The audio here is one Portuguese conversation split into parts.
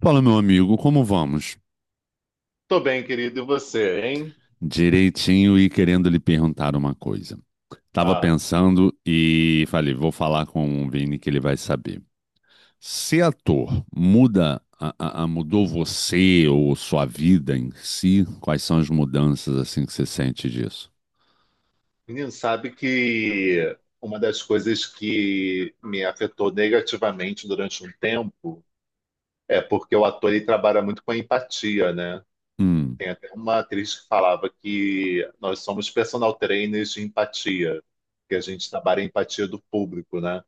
Fala, meu amigo, como vamos? Tô bem, querido. E você, hein? Direitinho e querendo lhe perguntar uma coisa. Tava Ah, pensando e falei, vou falar com o Vini que ele vai saber. Ser ator muda, mudou você ou sua vida em si? Quais são as mudanças assim que você sente disso? menino, sabe que uma das coisas que me afetou negativamente durante um tempo é porque o ator ele trabalha muito com a empatia, né? Hum. Tem até uma atriz que falava que nós somos personal trainers de empatia, que a gente trabalha a empatia do público, né?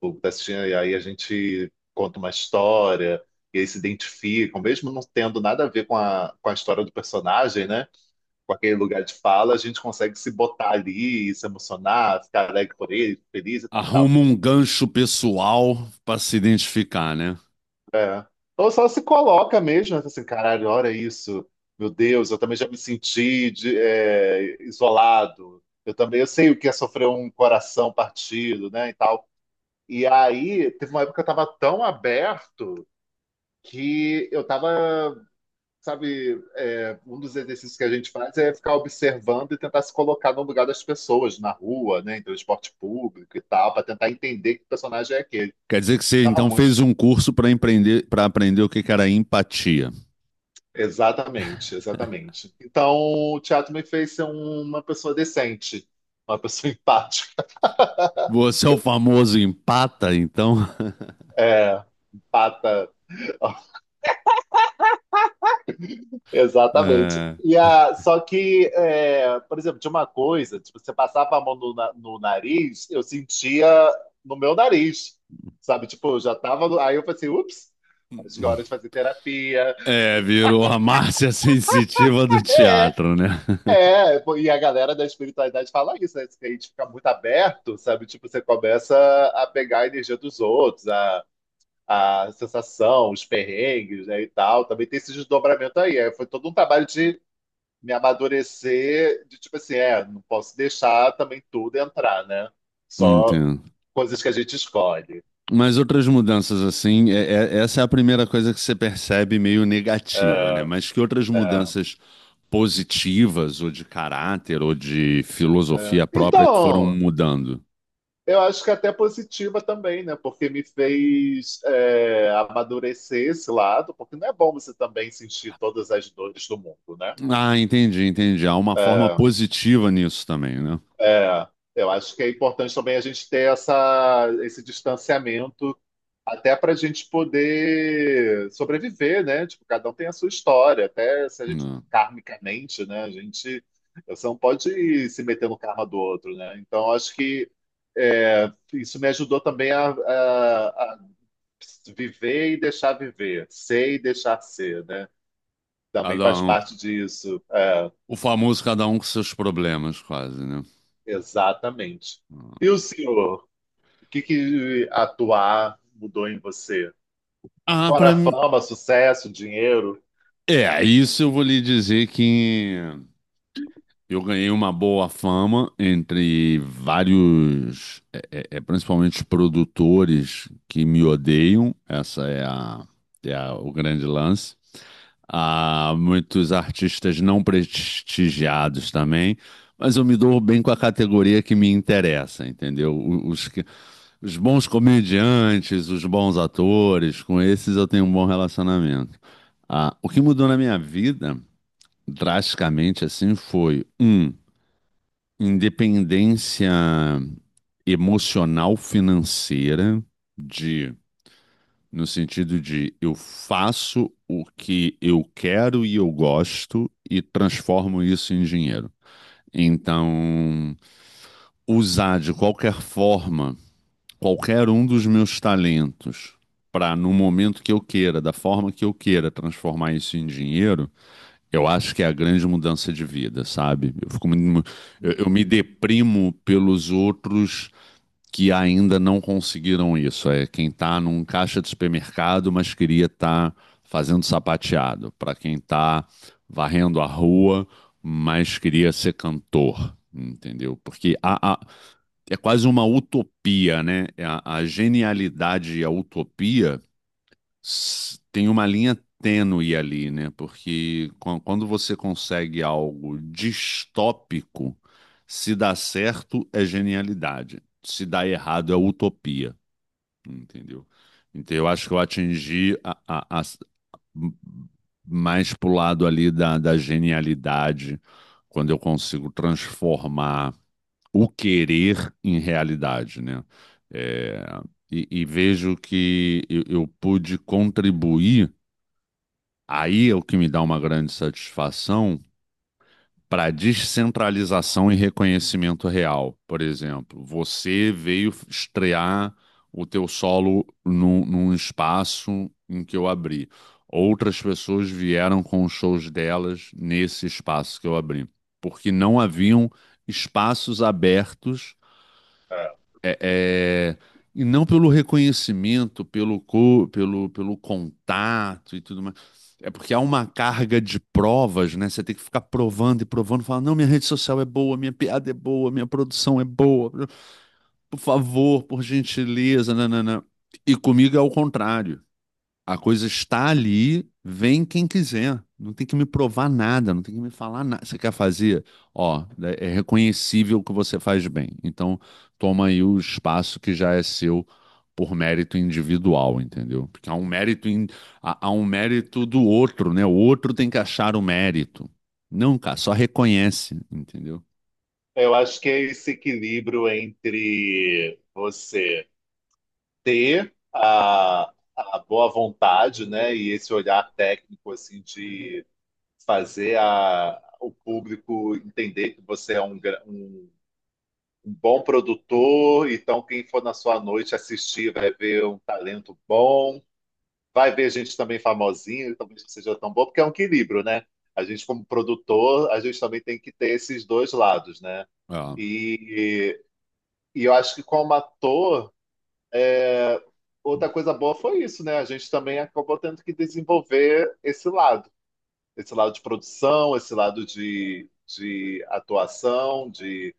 O público tá assistindo e aí a gente conta uma história e eles se identificam, mesmo não tendo nada a ver com a história do personagem, né? Com aquele lugar de fala, a gente consegue se botar ali, se emocionar, ficar alegre por ele, feliz e tal, tal. Arruma um gancho pessoal para se identificar, né? É. Ou só se coloca mesmo, né, assim, caralho, olha isso, meu Deus, eu também já me senti é, isolado, eu também, eu sei o que é sofrer um coração partido, né, e tal. E aí, teve uma época que eu tava tão aberto que eu tava, sabe, um dos exercícios que a gente faz é ficar observando e tentar se colocar no lugar das pessoas, na rua, né, em transporte público e tal, para tentar entender que personagem é aquele. Quer dizer que você Tava então muito. fez um curso para empreender, para aprender o que que era empatia. Exatamente, exatamente. Então, o teatro me fez ser uma pessoa decente, uma pessoa empática, Você é o famoso empata, então? é, empata. Exatamente. É, E a, só que, é, por exemplo, tinha uma coisa, tipo, você passava a mão no, no nariz, eu sentia no meu nariz, sabe? Tipo, eu já tava. Aí eu falei assim, ups, acho que é hora de fazer terapia. Virou a Márcia sensitiva do É, teatro, né? é. Pô, e a galera da espiritualidade fala isso, né? Que a gente fica muito aberto, sabe? Tipo, você começa a pegar a energia dos outros, a sensação, os perrengues, né, e tal. Também tem esse desdobramento aí. É, foi todo um trabalho de me amadurecer de tipo assim, é, não posso deixar também tudo entrar, né? Só Entendo. coisas que a gente escolhe. Mas outras mudanças assim, essa é a primeira coisa que você percebe meio negativa, né? É, Mas que outras é, mudanças positivas, ou de caráter, ou de é. filosofia própria que foram Então, mudando? eu acho que é até positiva também, né? Porque me fez, é, amadurecer esse lado, porque não é bom você também sentir todas as dores do mundo, né? Ah, entendi, entendi. Há uma forma É, positiva nisso também, né? é, eu acho que é importante também a gente ter essa, esse distanciamento até para a gente poder sobreviver, né? Tipo, cada um tem a sua história, até se a gente Não. karmicamente, né? A gente, você não pode ir se meter no karma do outro, né? Então acho que, é, isso me ajudou também a viver e deixar viver, ser e deixar ser, né? Também Cada faz um, parte disso. É, o famoso cada um com seus problemas, quase, né? exatamente. E o senhor? O que, que atuar mudou em você? Ah, Fora pra mim. fama, sucesso, dinheiro. É, isso eu vou lhe dizer que eu ganhei uma boa fama entre vários, principalmente produtores que me odeiam, essa é o grande lance. Há muitos artistas não prestigiados também, mas eu me dou bem com a categoria que me interessa, entendeu? Os, os bons comediantes, os bons atores, com esses eu tenho um bom relacionamento. Ah, o que mudou na minha vida, drasticamente assim, foi um. Independência emocional financeira, de, no sentido de eu faço o que eu quero e eu gosto e transformo isso em dinheiro. Então, usar de qualquer forma qualquer um dos meus talentos para, no momento que eu queira, da forma que eu queira, transformar isso em dinheiro, eu acho que é a grande mudança de vida, sabe? Eu fico muito, eu me Uhum. deprimo pelos outros que ainda não conseguiram isso. É quem está num caixa de supermercado, mas queria estar fazendo sapateado. Para quem está varrendo a rua, mas queria ser cantor. Entendeu? Porque é quase uma utopia, né? É a genialidade e a utopia tem uma linha tênue ali, né? Porque quando você consegue algo distópico, se dá certo é genialidade, se dá errado é utopia, entendeu? Então eu acho que eu atingi m- mais pro lado ali da, da genialidade, quando eu consigo transformar o querer em realidade, né? É, e vejo que eu pude contribuir. Aí é o que me dá uma grande satisfação para descentralização e reconhecimento real. Por exemplo, você veio estrear o teu solo num, num espaço em que eu abri. Outras pessoas vieram com os shows delas nesse espaço que eu abri, porque não haviam espaços abertos, É. é, é, e não pelo reconhecimento, pelo contato e tudo mais. É porque há uma carga de provas, né? Você tem que ficar provando e provando, falar, não, minha rede social é boa, minha piada é boa, minha produção é boa, por favor, por gentileza, nananã. E comigo é o contrário. A coisa está ali, vem quem quiser. Não tem que me provar nada, não tem que me falar nada. Você quer fazer? Ó, é reconhecível que você faz bem. Então, toma aí o espaço que já é seu por mérito individual, entendeu? Porque há um mérito, há um mérito do outro, né? O outro tem que achar o mérito. Não, cara, só reconhece, entendeu? Eu acho que é esse equilíbrio entre você ter a boa vontade, né, e esse olhar técnico assim de fazer a, o público entender que você é um, um, um bom produtor, então quem for na sua noite assistir vai ver um talento bom. Vai ver gente também famosinha, talvez não seja tão boa, porque é um equilíbrio, né? A gente, como produtor, a gente também tem que ter esses dois lados, né? É. E, e eu acho que como ator, é, outra coisa boa foi isso, né? A gente também acabou tendo que desenvolver esse lado de produção, esse lado de atuação,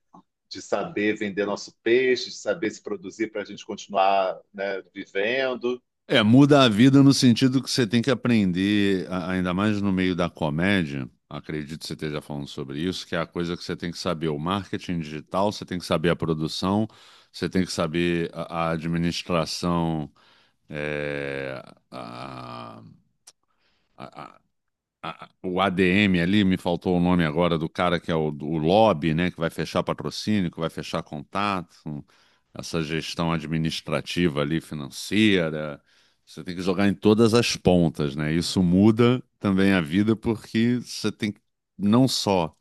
de saber vender nosso peixe, de saber se produzir para a gente continuar, né, vivendo. É, muda a vida no sentido que você tem que aprender, ainda mais no meio da comédia, acredito que você esteja falando sobre isso, que é a coisa que você tem que saber o marketing digital, você tem que saber a produção, você tem que saber a administração, é, a- o ADM ali, me faltou o nome agora do cara que é o lobby, né, que vai fechar patrocínio, que vai fechar contato, essa gestão administrativa ali, financeira. Você tem que jogar em todas as pontas, né? Isso muda também a vida porque você tem que não só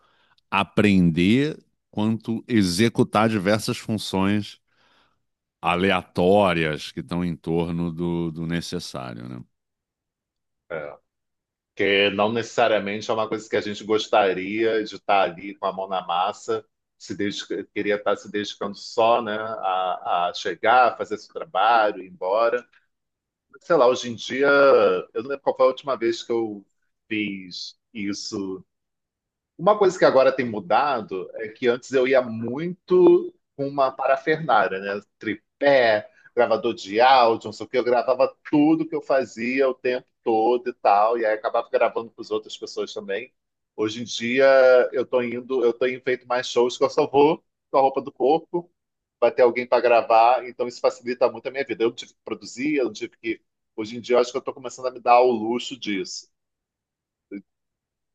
aprender, quanto executar diversas funções aleatórias que estão em torno do, do necessário, né? É, que não necessariamente é uma coisa que a gente gostaria de estar ali com a mão na massa, se dedica- queria estar se dedicando só, né, a chegar, fazer seu trabalho, ir embora. Sei lá, hoje em dia, eu não lembro qual foi a última vez que eu fiz isso. Uma coisa que agora tem mudado é que antes eu ia muito com uma parafernália, né? Tripé, gravador de áudio, não sei o quê. Eu gravava tudo que eu fazia o tempo todo e tal, e aí acabava gravando com as outras pessoas também. Hoje em dia eu tô indo, eu tenho feito mais shows que eu só vou com a roupa do corpo, vai ter alguém para gravar, então isso facilita muito a minha vida. Eu não tive que produzir, eu não tive que. Hoje em dia eu acho que eu tô começando a me dar o luxo disso.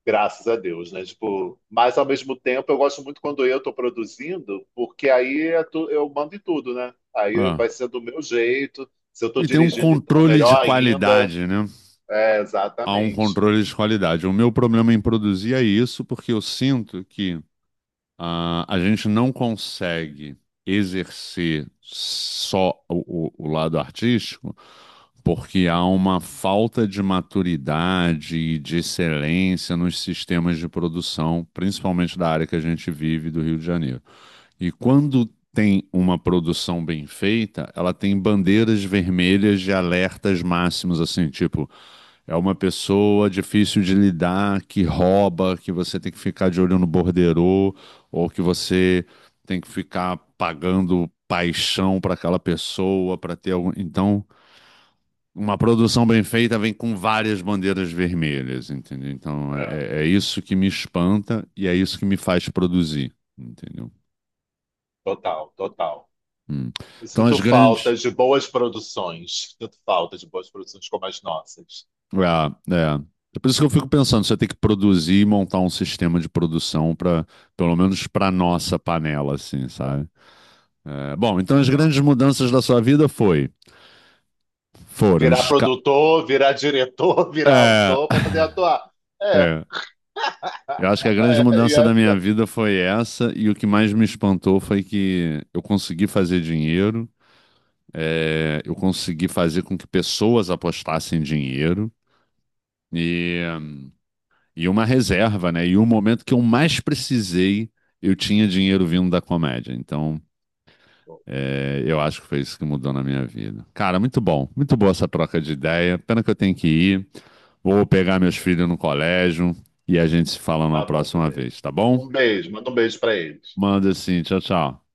Graças a Deus, né? Tipo, mas ao mesmo tempo eu gosto muito quando eu estou produzindo, porque aí eu mando em tudo, né? Aí Ah. vai ser do meu jeito. Se eu estou E tem um dirigindo, então é controle de melhor ainda. qualidade, né? É, Há um exatamente. controle de qualidade. O meu problema em produzir é isso, porque eu sinto que, ah, a gente não consegue exercer só o lado artístico, porque há uma falta de maturidade e de excelência nos sistemas de produção, principalmente da área que a gente vive do Rio de Janeiro. E quando tem uma produção bem feita, ela tem bandeiras vermelhas de alertas máximos, assim, tipo. É uma pessoa difícil de lidar, que rouba, que você tem que ficar de olho no borderô, ou que você tem que ficar pagando paixão para aquela pessoa, para ter algum. Então, uma produção bem feita vem com várias bandeiras vermelhas, entendeu? Então, É, é isso que me espanta e é isso que me faz produzir, entendeu? total, total. Hum. Eu Então, sinto as falta grandes. de boas produções. Sinto falta de boas produções como as nossas. É, é. É por isso que eu fico pensando, você tem que produzir e montar um sistema de produção para, pelo menos para nossa panela, assim, sabe? É, bom, então as Então, grandes mudanças da sua vida foi, foram, virar produtor, virar diretor, virar é, autor para poder atuar. É. é. Eu acho que a grande E mudança da minha essa. vida foi essa e o que mais me espantou foi que eu consegui fazer dinheiro, é, eu consegui fazer com que pessoas apostassem dinheiro. e E uma reserva, né? E o momento que eu mais precisei, eu tinha dinheiro vindo da comédia. Então, é, eu acho que foi isso que mudou na minha vida. Cara, muito bom. Muito boa essa troca de ideia. Pena que eu tenho que ir. Vou pegar meus filhos no colégio e a gente se fala na Tá bom, próxima bebê. vez, tá bom? Um beijo, manda um beijo pra eles. Manda assim. Tchau, tchau.